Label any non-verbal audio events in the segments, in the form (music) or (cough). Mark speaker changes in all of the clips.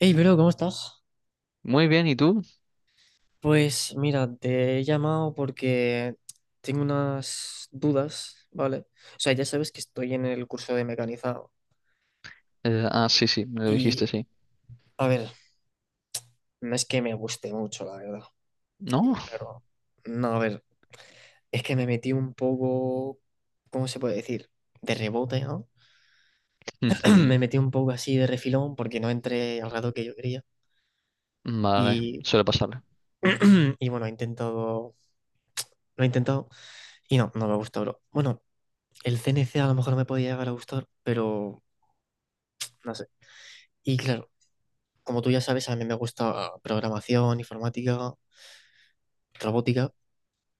Speaker 1: Hey, bro, ¿cómo estás?
Speaker 2: Muy bien, ¿y tú?
Speaker 1: Pues mira, te he llamado porque tengo unas dudas, ¿vale? O sea, ya sabes que estoy en el curso de mecanizado
Speaker 2: Ah, sí, sí, me lo
Speaker 1: y,
Speaker 2: dijiste, sí.
Speaker 1: a ver, no es que me guste mucho, la verdad.
Speaker 2: ¿No?
Speaker 1: Y claro, no, a ver, es que me metí un poco, ¿cómo se puede decir? De rebote, ¿no?
Speaker 2: (laughs)
Speaker 1: (clears throat)
Speaker 2: Ujú.
Speaker 1: Me metí un poco así de refilón porque no entré al rato que yo quería
Speaker 2: Vale,
Speaker 1: y,
Speaker 2: suele pasar.
Speaker 1: (clears throat) y bueno, lo he intentado y no, no me gusta, bro. Bueno, el CNC a lo mejor me podía llegar a gustar, pero no sé. Y claro, como tú ya sabes, a mí me gusta programación, informática, robótica.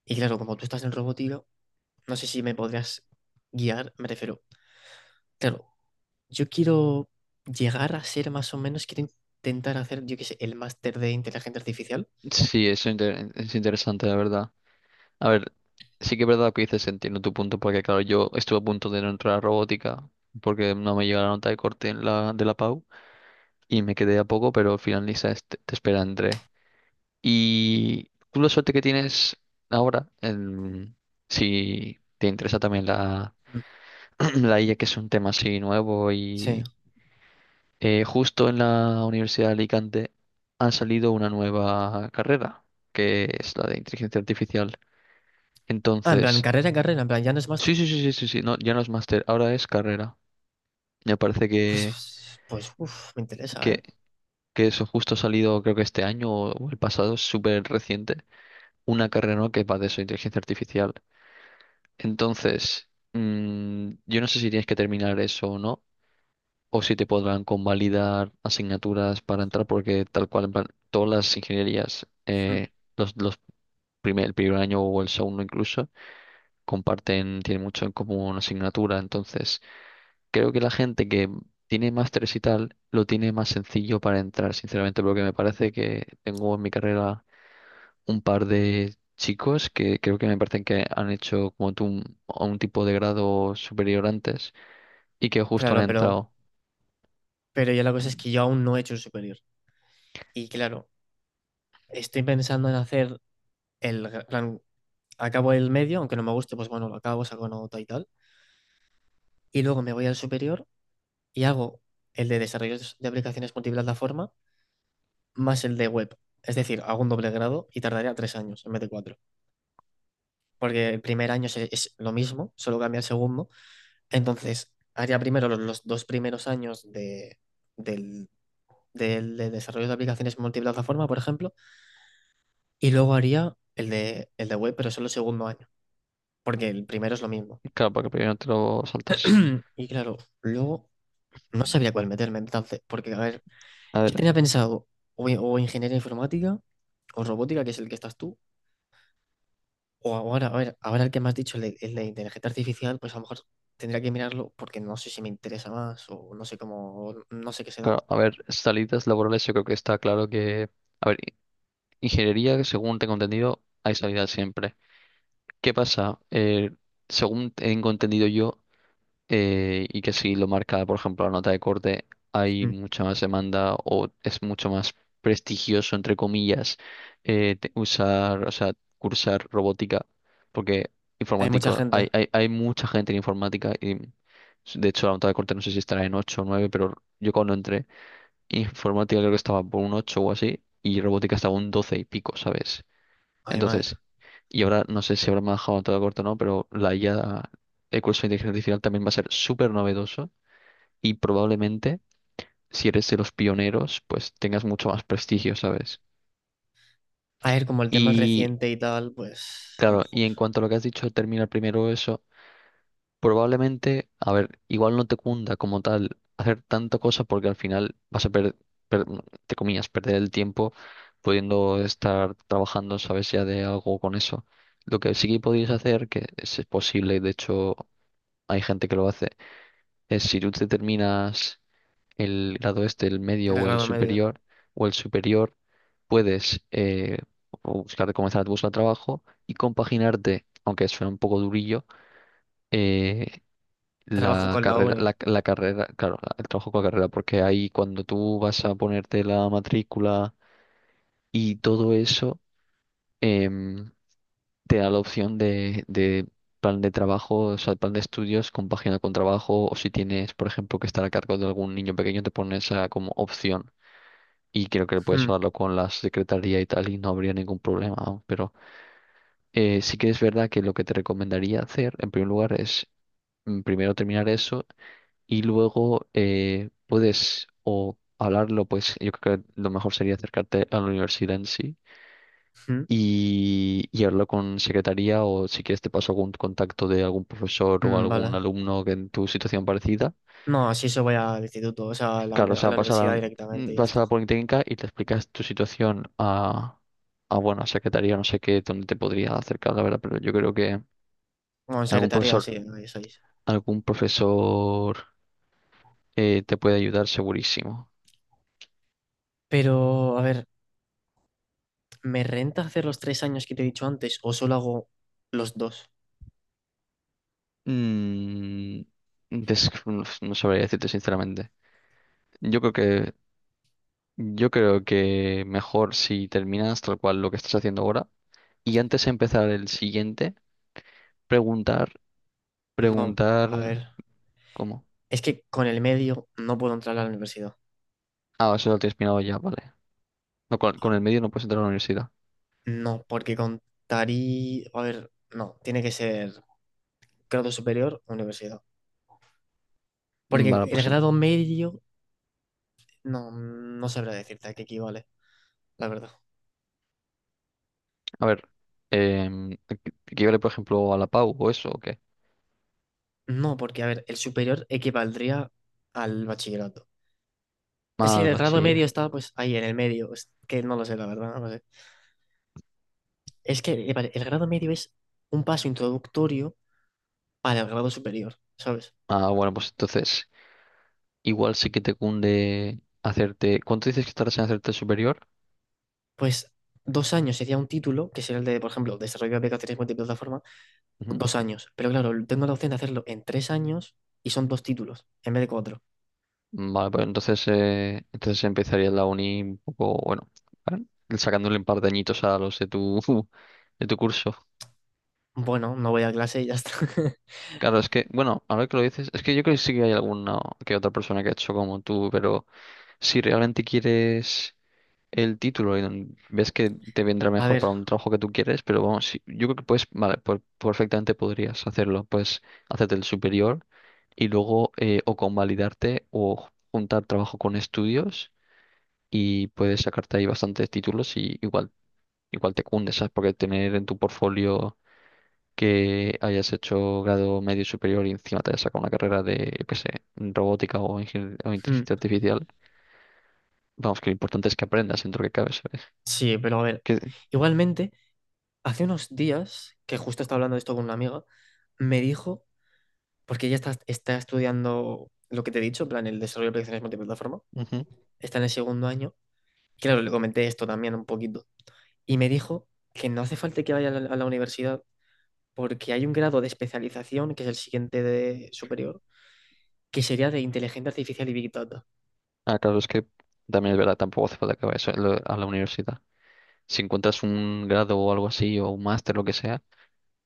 Speaker 1: Y claro, como tú estás en robótica, no sé si me podrías guiar, me refiero. Claro, yo quiero llegar a ser más o menos, quiero intentar hacer, yo qué sé, el máster de inteligencia artificial.
Speaker 2: Sí, eso es interesante, la verdad. A ver, sí que es verdad lo que dices, entiendo tu punto, porque claro, yo estuve a punto de no entrar a robótica, porque no me llegó la nota de corte en la, de la PAU, y me quedé a poco, pero al final Lisa te espera entré. Y tú la suerte que tienes ahora, si te interesa también la,
Speaker 1: Mm.
Speaker 2: (clears throat) la IA, que es un tema así nuevo
Speaker 1: Sí.
Speaker 2: y justo en la Universidad de Alicante han salido una nueva carrera, que es la de inteligencia artificial.
Speaker 1: Ah, en plan,
Speaker 2: Entonces,
Speaker 1: carrera, carrera, en plan, ya no es máster.
Speaker 2: sí, sí, sí, sí, sí, sí, no, ya no es máster, ahora es carrera. Me parece
Speaker 1: Pues,
Speaker 2: que,
Speaker 1: pues, uff, me interesa, ¿eh?
Speaker 2: que, que eso justo ha salido, creo que este año o el pasado, es súper reciente, una carrera nueva que va de eso, inteligencia artificial. Entonces, yo no sé si tienes que terminar eso o no, o si te podrán convalidar asignaturas para entrar, porque tal cual, en plan, todas las ingenierías,
Speaker 1: Mm.
Speaker 2: los el primer año o el segundo incluso, comparten, tienen mucho en común asignatura. Entonces, creo que la gente que tiene másteres y tal, lo tiene más sencillo para entrar, sinceramente, porque me parece que tengo en mi carrera un par de chicos que creo que me parecen que han hecho como tú un tipo de grado superior antes y que justo han
Speaker 1: Claro, pero,
Speaker 2: entrado.
Speaker 1: pero ya la cosa es que yo aún no he hecho el superior. Y claro, estoy pensando en hacer plan, acabo el medio, aunque no me guste, pues bueno, lo acabo, saco nota y tal. Y luego me voy al superior y hago el de desarrollos de aplicaciones multiplataforma más el de web. Es decir, hago un doble grado y tardaría 3 años en vez de cuatro. Porque el primer año es lo mismo, solo cambia el segundo. Entonces, haría primero los 2 primeros años de, del, del de desarrollo de aplicaciones multiplataforma, por ejemplo, y luego haría el de web, pero solo el segundo año. Porque el primero es lo mismo.
Speaker 2: Claro, porque primero te lo saltas.
Speaker 1: (clears throat) Y claro, luego no sabía cuál meterme entonces, porque a ver,
Speaker 2: A
Speaker 1: yo tenía
Speaker 2: ver.
Speaker 1: pensado o ingeniería informática o robótica, que es el que estás tú, o ahora, a ver, ahora el que me has dicho, el de inteligencia artificial, pues a lo mejor tendría que mirarlo porque no sé si me interesa más o no sé cómo, o no sé qué se da.
Speaker 2: Claro, a ver, salidas laborales yo creo que está claro que. A ver, ingeniería, según tengo entendido, hay salidas siempre. ¿Qué pasa? Según tengo entendido yo, y que si lo marca, por ejemplo, la nota de corte, hay
Speaker 1: Mm.
Speaker 2: mucha más demanda o es mucho más prestigioso, entre comillas, usar, o sea, cursar robótica, porque
Speaker 1: Hay mucha
Speaker 2: informático,
Speaker 1: gente,
Speaker 2: hay mucha gente en informática y. De hecho, la nota de corte no sé si estará en 8 o 9 pero yo cuando entré informática creo que estaba por un 8 o así, y robótica estaba un 12 y pico, ¿sabes?
Speaker 1: ay, may.
Speaker 2: Entonces, y ahora no sé si habrá manejado todo corto o no, pero la IA, el curso de inteligencia artificial también va a ser súper novedoso y probablemente, si eres de los pioneros, pues tengas mucho más prestigio, ¿sabes?
Speaker 1: A ver, como el tema es
Speaker 2: Y
Speaker 1: reciente y tal, pues a lo
Speaker 2: claro,
Speaker 1: mejor,
Speaker 2: y en cuanto a lo que has dicho, terminar primero eso. Probablemente, a ver, igual no te cunda como tal hacer tanta cosa porque al final vas a perder, te comillas, perder el tiempo pudiendo estar trabajando, sabes, ya de algo con eso. Lo que sí que podrías hacer, que es posible, y de hecho hay gente que lo hace, es si tú te terminas el grado este, el medio
Speaker 1: el grado medio.
Speaker 2: o el superior, puedes buscar, comenzar a buscar trabajo y compaginarte, aunque suena un poco durillo, eh,
Speaker 1: Trabajo
Speaker 2: la
Speaker 1: con la
Speaker 2: carrera,
Speaker 1: uni.
Speaker 2: la carrera, claro, el trabajo con la carrera, porque ahí cuando tú vas a ponerte la matrícula y todo eso, em, te da la opción de plan de trabajo, o sea, plan de estudios compagina con trabajo, o si tienes, por ejemplo, que estar a cargo de algún niño pequeño, te pones esa como opción. Y creo que puedes
Speaker 1: Mm,
Speaker 2: hablarlo con la secretaría y tal, y no habría ningún problema, vamos. Pero sí que es verdad que lo que te recomendaría hacer, en primer lugar, es primero terminar eso y luego puedes o hablarlo, pues yo creo que lo mejor sería acercarte a la universidad en sí
Speaker 1: mm,
Speaker 2: y hablarlo con secretaría o si quieres te paso algún contacto de algún profesor o
Speaker 1: mm,
Speaker 2: algún
Speaker 1: vale.
Speaker 2: alumno que en tu situación parecida.
Speaker 1: No, sí, yo voy al instituto, o sea, a la, a
Speaker 2: Claro, o sea,
Speaker 1: la
Speaker 2: vas a la,
Speaker 1: universidad directamente
Speaker 2: mm,
Speaker 1: y ya
Speaker 2: vas a
Speaker 1: está.
Speaker 2: la Politécnica y te explicas tu situación a bueno, a secretaría, no sé qué, dónde te podría acercar, la verdad, pero yo creo que
Speaker 1: Bueno, en
Speaker 2: algún
Speaker 1: secretaría,
Speaker 2: profesor,
Speaker 1: sí, ahí sois.
Speaker 2: algún profesor te puede ayudar segurísimo.
Speaker 1: Pero, a ver, ¿me renta hacer los 3 años que te he dicho antes o solo hago los dos?
Speaker 2: Mm, des- no sabría decirte sinceramente. Yo creo que, yo creo que mejor si terminas tal cual lo que estás haciendo ahora y antes de empezar el siguiente, preguntar,
Speaker 1: No, a ver,
Speaker 2: preguntar, ¿cómo?
Speaker 1: es que con el medio no puedo entrar a la universidad.
Speaker 2: Ah, eso lo tienes mirado ya, vale. No, con el medio no puedes entrar a la universidad.
Speaker 1: No, porque contaría, a ver, no, tiene que ser grado superior o universidad.
Speaker 2: Mm,
Speaker 1: Porque
Speaker 2: vale,
Speaker 1: el
Speaker 2: pues
Speaker 1: grado medio, no, no sabrá decirte a qué equivale, la verdad.
Speaker 2: a ver, em, que yo le, por ejemplo a la PAU o eso o qué.
Speaker 1: No, porque, a ver, el superior equivaldría al bachillerato. Es que
Speaker 2: Mal,
Speaker 1: el grado medio
Speaker 2: bachiller.
Speaker 1: está pues ahí en el medio. Es que no lo sé, la verdad. No lo sé. Es que vale, el grado medio es un paso introductorio para el grado superior, ¿sabes?
Speaker 2: Ah, bueno, pues entonces igual sí que te cunde hacerte. ¿Cuánto dices que estarás en hacerte el superior?
Speaker 1: Pues 2 años sería un título, que sería el de, por ejemplo, desarrollo de aplicaciones multiplataforma, 2 años. Pero claro, tengo la opción de hacerlo en 3 años y son dos títulos en vez de cuatro.
Speaker 2: Vale, pues entonces empezaría la uni un poco, bueno, ¿vale? Sacándole un par de añitos a los de tu, (laughs) de tu curso.
Speaker 1: Bueno, no voy a clase y ya está. (laughs)
Speaker 2: Claro, es que, bueno, ahora que lo dices, es que yo creo que sí que hay alguna que otra persona que ha hecho como tú, pero si realmente quieres el título y ves que te vendrá
Speaker 1: A
Speaker 2: mejor
Speaker 1: ver,
Speaker 2: para un trabajo que tú quieres, pero vamos, sí, yo creo que puedes, vale, pues perfectamente podrías hacerlo, pues hacerte el superior y luego o convalidarte o juntar trabajo con estudios y puedes sacarte ahí bastantes títulos y igual, igual te cunde, ¿sabes? Porque tener en tu portfolio que hayas hecho grado medio y superior y encima te hayas sacado una carrera de, yo qué sé, robótica o, o
Speaker 1: hmm,
Speaker 2: inteligencia artificial, vamos, que lo importante es que aprendas dentro que cabe, ¿sabes?
Speaker 1: sí, pero a ver.
Speaker 2: Que,
Speaker 1: Igualmente, hace unos días, que justo estaba hablando de esto con una amiga, me dijo porque ella está estudiando lo que te he dicho, en plan, el desarrollo de aplicaciones multiplataforma.
Speaker 2: Ujú.
Speaker 1: Está en el segundo año. Claro, le comenté esto también un poquito. Y me dijo que no hace falta que vaya a la, universidad porque hay un grado de especialización, que es el siguiente de superior, que sería de inteligencia artificial y Big Data.
Speaker 2: Ah, claro, es que también es verdad, tampoco hace falta que vayas a la universidad. Si encuentras un grado o algo así, o un máster, lo que sea,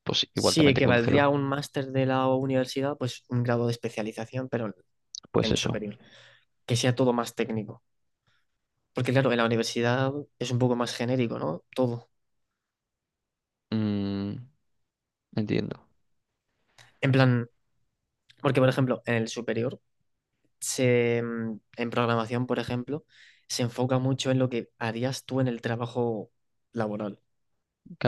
Speaker 2: pues igual
Speaker 1: Sí,
Speaker 2: también te
Speaker 1: que
Speaker 2: cunde
Speaker 1: valdría
Speaker 2: hacerlo.
Speaker 1: un máster de la universidad, pues un grado de especialización, pero en
Speaker 2: Pues
Speaker 1: en
Speaker 2: eso.
Speaker 1: superior. Que sea todo más técnico. Porque claro, en la universidad es un poco más genérico, ¿no? Todo.
Speaker 2: Mm, entiendo.
Speaker 1: En plan, porque por ejemplo, en el superior en programación, por ejemplo, se enfoca mucho en lo que harías tú en el trabajo laboral.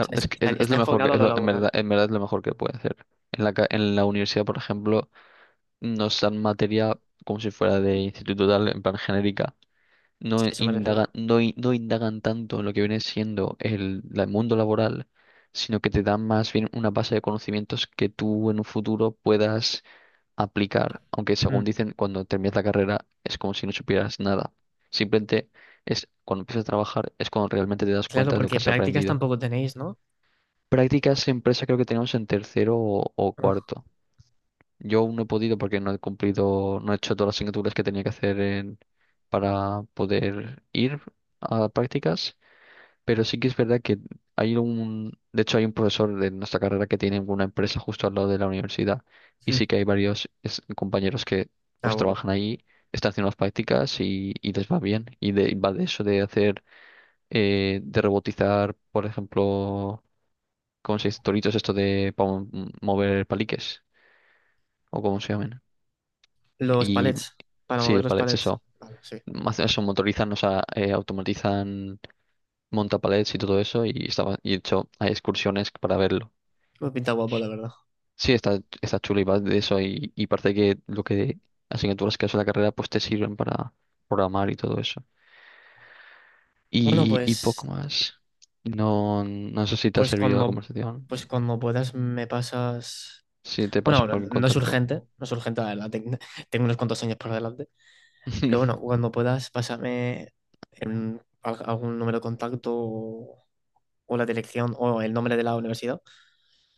Speaker 1: O sea,
Speaker 2: es
Speaker 1: es-
Speaker 2: que
Speaker 1: está,
Speaker 2: es
Speaker 1: está
Speaker 2: lo mejor que,
Speaker 1: enfocado a lo laboral,
Speaker 2: en verdad es lo mejor que puede hacer. En la universidad, por ejemplo, nos dan materia como si fuera de instituto tal, en plan genérica.
Speaker 1: si a eso me refiero.
Speaker 2: No indagan tanto en lo que viene siendo el mundo laboral, sino que te dan más bien una base de conocimientos que tú en un futuro puedas aplicar. Aunque
Speaker 1: Mm.
Speaker 2: según dicen, cuando terminas la carrera es como si no supieras nada. Simplemente es cuando empiezas a trabajar, es cuando realmente te das
Speaker 1: Claro,
Speaker 2: cuenta de lo que
Speaker 1: porque
Speaker 2: has
Speaker 1: prácticas
Speaker 2: aprendido.
Speaker 1: tampoco tenéis, ¿no?
Speaker 2: Prácticas en empresa creo que tenemos en tercero o
Speaker 1: Ah,
Speaker 2: cuarto. Yo aún no he podido porque no he cumplido, no he hecho todas las asignaturas que tenía que hacer para poder ir a prácticas, pero sí que es verdad que de hecho hay un profesor de nuestra carrera que tiene una empresa justo al lado de la universidad y
Speaker 1: mm.
Speaker 2: sí que hay varios compañeros que
Speaker 1: Ah,
Speaker 2: pues
Speaker 1: bueno.
Speaker 2: trabajan ahí, están haciendo las prácticas y les va bien. Y va de eso de hacer, de robotizar, por ejemplo ¿cómo se dice? Toritos esto de para mover paliques, o como se llaman.
Speaker 1: Los
Speaker 2: Y
Speaker 1: palets, para
Speaker 2: sí,
Speaker 1: mover
Speaker 2: los
Speaker 1: los
Speaker 2: palets,
Speaker 1: palets.
Speaker 2: eso.
Speaker 1: Vale, sí.
Speaker 2: Eso motorizan, o sea, automatizan montapalets y todo eso, y de hecho hay excursiones para verlo.
Speaker 1: Me pinta guapo, la verdad.
Speaker 2: Sí, está chulo y va de eso, y parece que lo que asignaturas que haces en la carrera pues te sirven para programar y todo eso.
Speaker 1: Bueno,
Speaker 2: Y poco más. No, no sé si te ha
Speaker 1: pues
Speaker 2: servido la
Speaker 1: cuando,
Speaker 2: conversación.
Speaker 1: pues cuando puedas me pasas.
Speaker 2: Si te paso
Speaker 1: Bueno, no
Speaker 2: cualquier
Speaker 1: no es
Speaker 2: contacto.
Speaker 1: urgente, no es urgente, la verdad. Tengo unos cuantos años por delante. Pero bueno,
Speaker 2: (laughs)
Speaker 1: cuando puedas, pásame algún número de contacto o la dirección o el nombre de la universidad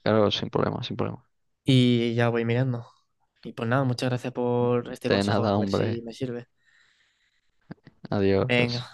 Speaker 2: Claro, sin problema, sin problema.
Speaker 1: y ya voy mirando. Y pues nada, muchas gracias por este
Speaker 2: De nada,
Speaker 1: consejo, a ver si
Speaker 2: hombre.
Speaker 1: me sirve.
Speaker 2: Adiós.
Speaker 1: Venga.